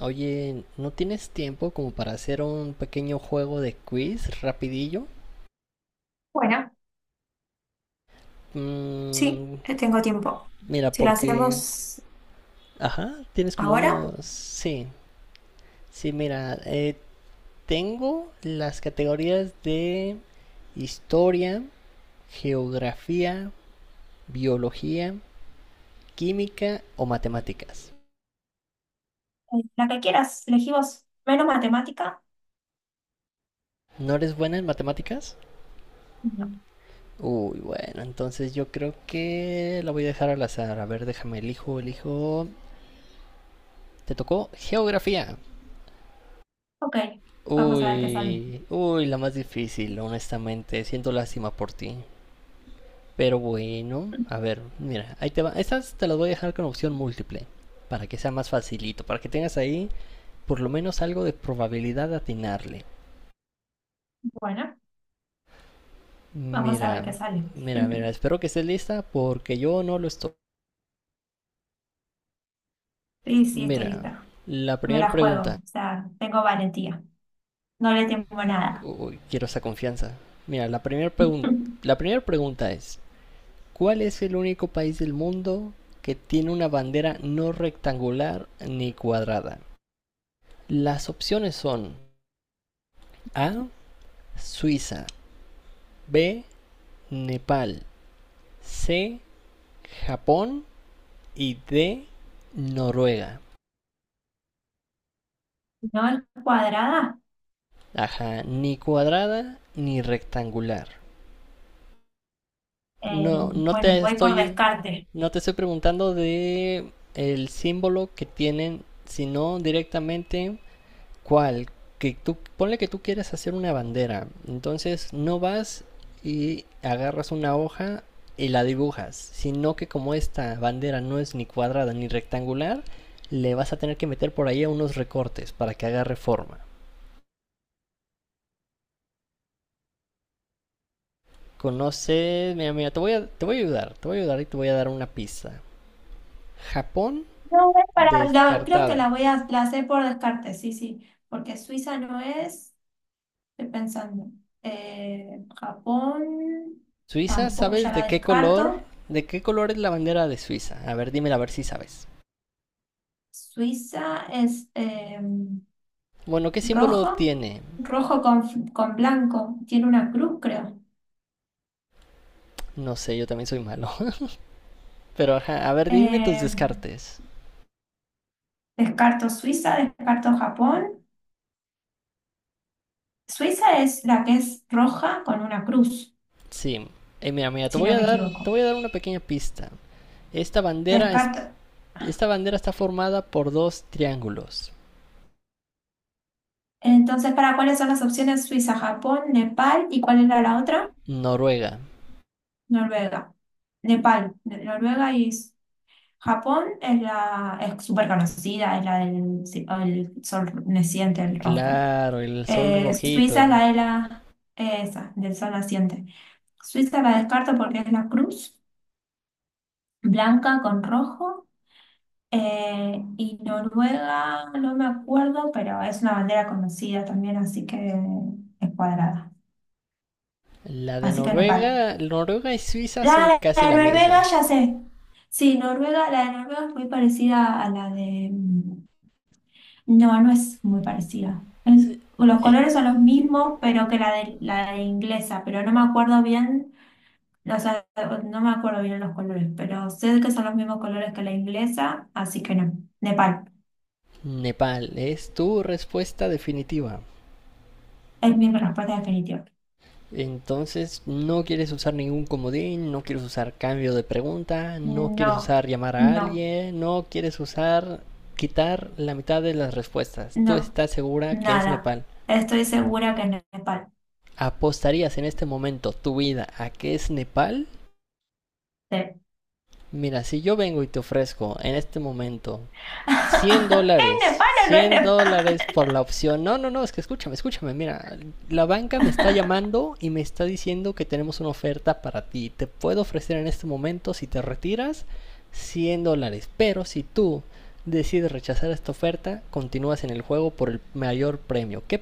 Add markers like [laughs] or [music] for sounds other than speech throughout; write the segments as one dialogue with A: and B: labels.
A: Oye, ¿no tienes tiempo como para hacer un pequeño juego de quiz rapidillo?
B: Bueno, sí,
A: Mm,
B: tengo tiempo.
A: mira,
B: Si lo
A: porque.
B: hacemos
A: Ajá, tienes como
B: ahora,
A: unos. Sí, sí, mira, tengo las categorías de historia, geografía, biología, química o matemáticas.
B: La que quieras, elegí vos. Menos matemática.
A: ¿No eres buena en matemáticas?
B: No.
A: Uy, bueno, entonces yo creo que la voy a dejar al azar. A ver, déjame, elijo, elijo. Te tocó geografía.
B: Ok, vamos a ver qué sale.
A: Uy, uy, la más difícil, honestamente. Siento lástima por ti. Pero bueno, a
B: [laughs]
A: ver, mira, ahí te va. Estas te las voy a dejar con opción múltiple, para que sea más facilito, para que tengas ahí por lo menos algo de probabilidad de atinarle.
B: Bueno, vamos a ver
A: Mira,
B: qué sale. [laughs]
A: espero que estés lista porque yo no lo estoy.
B: Sí, sí, estoy
A: Mira,
B: lista.
A: la
B: Me
A: primera
B: la
A: pregunta.
B: juego, o sea, tengo valentía. No le temo nada.
A: Uy, quiero esa confianza. Mira, la
B: [laughs]
A: primera pregunta es: ¿cuál es el único país del mundo que tiene una bandera no rectangular ni cuadrada? Las opciones son A, Suiza; B, Nepal; C, Japón; y D, Noruega.
B: No es cuadrada.
A: Ajá, ni cuadrada ni rectangular.
B: Eh,
A: No,
B: bueno, voy por descarte.
A: no te estoy preguntando de el símbolo que tienen, sino directamente cual, que tú, ponle que tú quieres hacer una bandera, entonces no vas y agarras una hoja y la dibujas, sino que como esta bandera no es ni cuadrada ni rectangular, le vas a tener que meter por ahí unos recortes para que agarre forma. Conoces, mira, te voy a ayudar, y te voy a dar una pista. Japón,
B: No, es para, creo que
A: descartada.
B: la voy a la hacer por descarte, sí, sí, porque Suiza no es. Estoy pensando. Japón,
A: Suiza,
B: tampoco, ya
A: ¿sabes
B: la
A: de qué color?
B: descarto.
A: ¿De qué color es la bandera de Suiza? A ver, dímela a ver si sabes.
B: Suiza es
A: Bueno, ¿qué símbolo
B: rojo,
A: tiene?
B: rojo con, con blanco. Tiene una cruz, creo.
A: No sé, yo también soy malo. [laughs] Pero ajá, a ver, dime tus
B: Eh,
A: descartes.
B: descarto Suiza, descarto Japón. Suiza es la que es roja con una cruz,
A: Sí. Mira,
B: si no me
A: te
B: equivoco.
A: voy a dar una pequeña pista. Esta bandera es,
B: Descarto.
A: Esta bandera está formada por dos triángulos.
B: Entonces, ¿para cuáles son las opciones? Suiza, Japón, Nepal y ¿cuál era la otra?
A: Noruega.
B: Noruega. Nepal, Noruega y Japón es la es súper conocida, es la el sol naciente, el rojo.
A: Claro, el sol rojito.
B: Suiza es la de la E, esa, del sol naciente. Suiza la descarto porque es la cruz blanca con rojo. Y Noruega, no me acuerdo, pero es una bandera conocida también, así que es cuadrada. Así que Nepal.
A: Noruega y Suiza son
B: La
A: casi
B: de
A: la
B: Noruega,
A: misma.
B: ya sé. Sí, Noruega, la de Noruega es muy parecida a la de. No, no es muy parecida. Es- los
A: Eh,
B: colores son los mismos, pero que la de inglesa, pero no me acuerdo bien, o sea, no me acuerdo bien los colores, pero sé que son los mismos colores que la inglesa, así que no. Nepal,
A: Nepal, es tu respuesta definitiva.
B: es mi respuesta definitiva.
A: Entonces, no quieres usar ningún comodín, no quieres usar cambio de pregunta, no quieres
B: No,
A: usar llamar a
B: no,
A: alguien, no quieres usar quitar la mitad de las respuestas. Tú
B: no,
A: estás segura que es
B: nada.
A: Nepal.
B: Estoy segura que es Nepal.
A: ¿Apostarías en este momento tu vida a que es Nepal?
B: Sí.
A: Mira, si yo vengo y te ofrezco en este momento
B: [laughs]
A: 100
B: ¿Es
A: dólares.
B: Nepal o no es
A: cien
B: Nepal?
A: dólares por la opción. No, no, no, es que escúchame, escúchame. Mira, la banca me está llamando y me está diciendo que tenemos una oferta para ti. Te puedo ofrecer en este momento, si te retiras, $100. Pero si tú decides rechazar esta oferta, continúas en el juego por el mayor premio. ¿Qué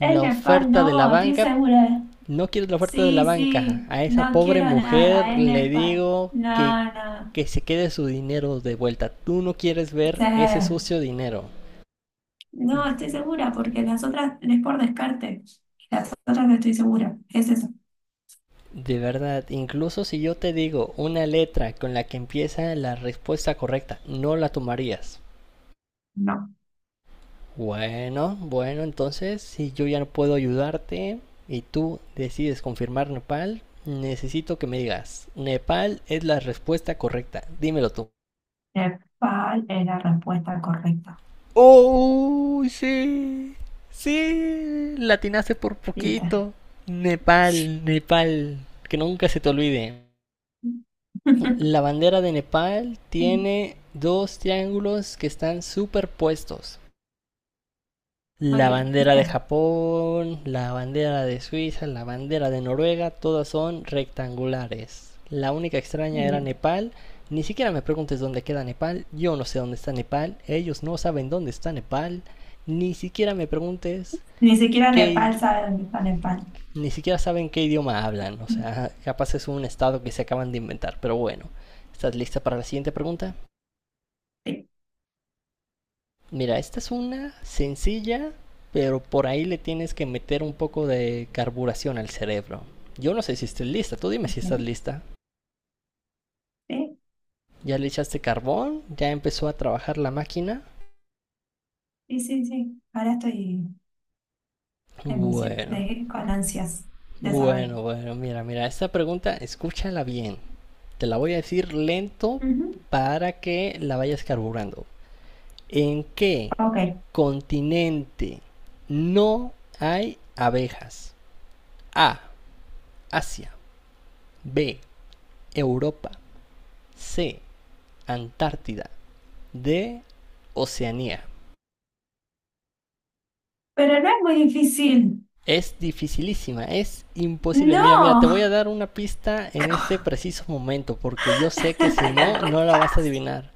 B: Es Nepal,
A: oferta de la
B: no, estoy
A: banca?
B: segura.
A: No quiero la oferta de la
B: Sí,
A: banca.
B: sí,
A: A esa
B: no
A: pobre
B: quiero nada,
A: mujer
B: es
A: le
B: Nepal.
A: digo que,
B: No, no.
A: se quede su dinero de vuelta. Tú no quieres
B: Sí.
A: ver ese sucio dinero.
B: No, estoy segura porque las otras es por descarte. Las otras no estoy segura. Es eso.
A: De verdad, incluso si yo te digo una letra con la que empieza la respuesta correcta, no la tomarías.
B: No.
A: Bueno, entonces si yo ya no puedo ayudarte y tú decides confirmar Nepal, necesito que me digas: Nepal es la respuesta correcta. Dímelo tú.
B: Nepal es la respuesta correcta.
A: ¡Oh! Sí. Sí. Latinaste por
B: ¿Viste?
A: poquito. Nepal, Nepal. Que nunca se te olvide. La
B: [laughs]
A: bandera de Nepal tiene dos triángulos que están superpuestos.
B: Muy
A: La
B: bien,
A: bandera de
B: ¿viste?
A: Japón, la bandera de Suiza, la bandera de Noruega, todas son rectangulares. La única extraña
B: Muy
A: era
B: bien.
A: Nepal. Ni siquiera me preguntes dónde queda Nepal. Yo no sé dónde está Nepal. Ellos no saben dónde está Nepal. Ni siquiera me preguntes
B: Ni siquiera
A: qué.
B: Nepal sabe dónde está Nepal.
A: Ni siquiera saben qué idioma hablan. O sea, capaz es un estado que se acaban de inventar. Pero bueno, ¿estás lista para la siguiente pregunta?
B: Sí,
A: Mira, esta es una sencilla, pero por ahí le tienes que meter un poco de carburación al cerebro. Yo no sé si estés lista, tú dime si estás
B: ok.
A: lista.
B: Sí,
A: Ya le echaste carbón, ya empezó a trabajar la máquina.
B: sí, sí. Sí. Ahora estoy
A: Bueno,
B: con ansias de saber.
A: bueno, mira, esta pregunta escúchala bien. Te la voy a decir lento
B: Ujú.
A: para que la vayas carburando. ¿En qué
B: Ok.
A: continente no hay abejas? A. Asia. B. Europa. C. Antártida. D. Oceanía.
B: Pero no es muy difícil.
A: Es dificilísima, es imposible. Mira,
B: No.
A: te voy a dar una pista en este
B: [laughs]
A: preciso momento, porque yo sé
B: Es
A: que si no,
B: re
A: no la vas a
B: fácil.
A: adivinar.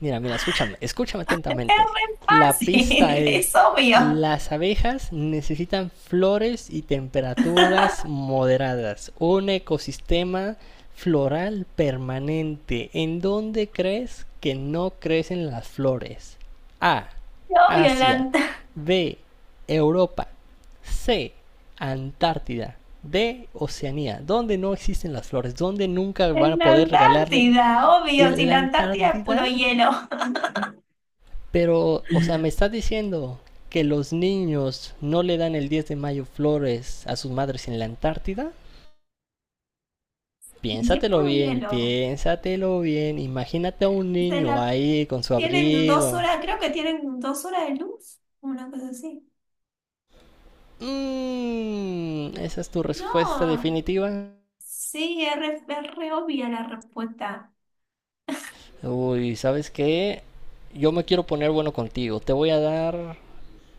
A: Mira, escúchame, escúchame
B: Es
A: atentamente.
B: muy
A: La pista
B: fácil, [laughs] es
A: es:
B: obvio.
A: las abejas necesitan flores y temperaturas
B: [laughs]
A: moderadas, un ecosistema floral permanente. ¿En dónde crees que no crecen las flores? A,
B: Es obvio,
A: Asia. B, Europa. C. Antártida. D. Oceanía. Donde no existen las flores. Donde nunca van
B: En
A: a
B: la
A: poder regalarle.
B: Antártida, obvio,
A: En
B: si
A: la
B: la Antártida es puro
A: Antártida.
B: hielo.
A: Pero, o sea, me estás diciendo que los niños no le dan el 10 de mayo flores a sus madres en la Antártida.
B: [laughs] Y si es
A: Piénsatelo
B: puro
A: bien,
B: hielo,
A: piénsatelo bien. Imagínate a un
B: se
A: niño
B: la,
A: ahí con su
B: tienen dos
A: abrigo.
B: horas, creo que tienen 2 horas de luz, una cosa así.
A: ¿Esa es tu respuesta
B: No,
A: definitiva?
B: sí, es re obvia la respuesta.
A: Uy, ¿sabes qué? Yo me quiero poner bueno contigo. Te voy a dar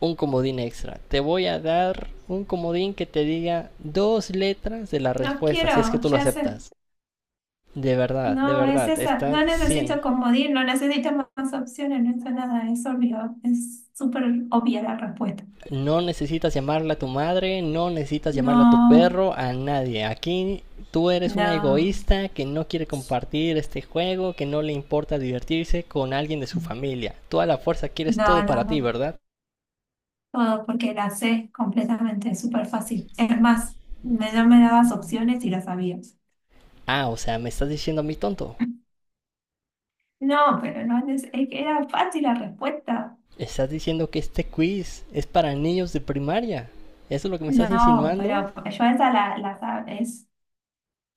A: un comodín extra. Te voy a dar un comodín que te diga dos letras de la
B: No
A: respuesta, si es que
B: quiero,
A: tú lo
B: ya sé.
A: aceptas. De
B: No, es
A: verdad,
B: esa.
A: está
B: No
A: cien.
B: necesito comodín, no necesito más, más opciones, no es nada, es obvio, es súper obvia la respuesta.
A: No necesitas llamarla a tu madre, no necesitas llamarla a tu
B: No.
A: perro, a nadie. Aquí tú eres una
B: No,
A: egoísta que no quiere compartir este juego, que no le importa divertirse con alguien de su familia. Tú a la fuerza quieres
B: no,
A: todo
B: no,
A: para ti,
B: no.
A: ¿verdad?
B: Todo porque la sé completamente, súper fácil. Es más, no me dabas opciones y las sabía.
A: Ah, o sea, me estás diciendo a mí tonto.
B: No, pero no es, es que era fácil la respuesta.
A: ¿Estás diciendo que este quiz es para niños de primaria? ¿Eso es lo que me estás
B: No,
A: insinuando?
B: pero yo esa es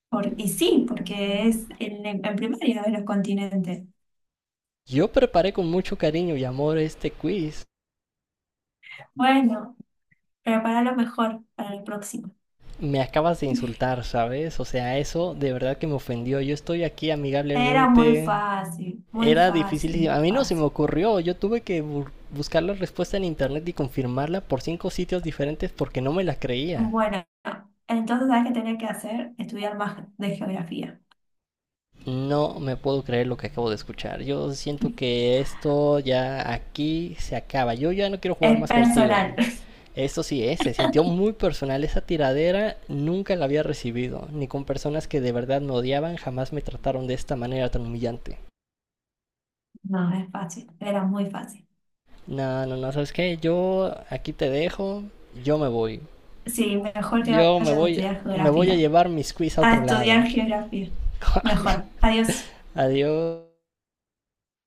B: por, y sí, porque es en primaria de los continentes.
A: Yo preparé con mucho cariño y amor este quiz.
B: Bueno, prepara lo mejor para el próximo.
A: Me acabas de insultar, ¿sabes? O sea, eso de verdad que me ofendió. Yo estoy aquí
B: Era muy
A: amigablemente.
B: fácil, muy
A: Era
B: fácil,
A: difícil.
B: muy
A: A mí no se me
B: fácil.
A: ocurrió. Yo tuve que buscar la respuesta en internet y confirmarla por cinco sitios diferentes porque no me la creía.
B: Bueno, entonces, ¿sabes qué tenía que hacer? Estudiar más de geografía.
A: No me puedo creer lo que acabo de escuchar. Yo siento
B: [laughs]
A: que esto ya aquí se acaba. Yo ya no quiero jugar
B: Es
A: más contigo.
B: personal. [laughs]
A: Se sintió muy personal. Esa tiradera nunca la había recibido, ni con personas que de verdad me odiaban jamás me trataron de esta manera tan humillante.
B: No, es fácil, era muy fácil.
A: No, no, no, ¿sabes qué? Yo aquí te dejo, yo me voy.
B: Sí, mejor que
A: Yo
B: vayas a estudiar
A: me voy a
B: geografía.
A: llevar mis quiz a
B: A
A: otro lado.
B: estudiar geografía. Mejor.
A: [laughs]
B: Adiós.
A: Adiós.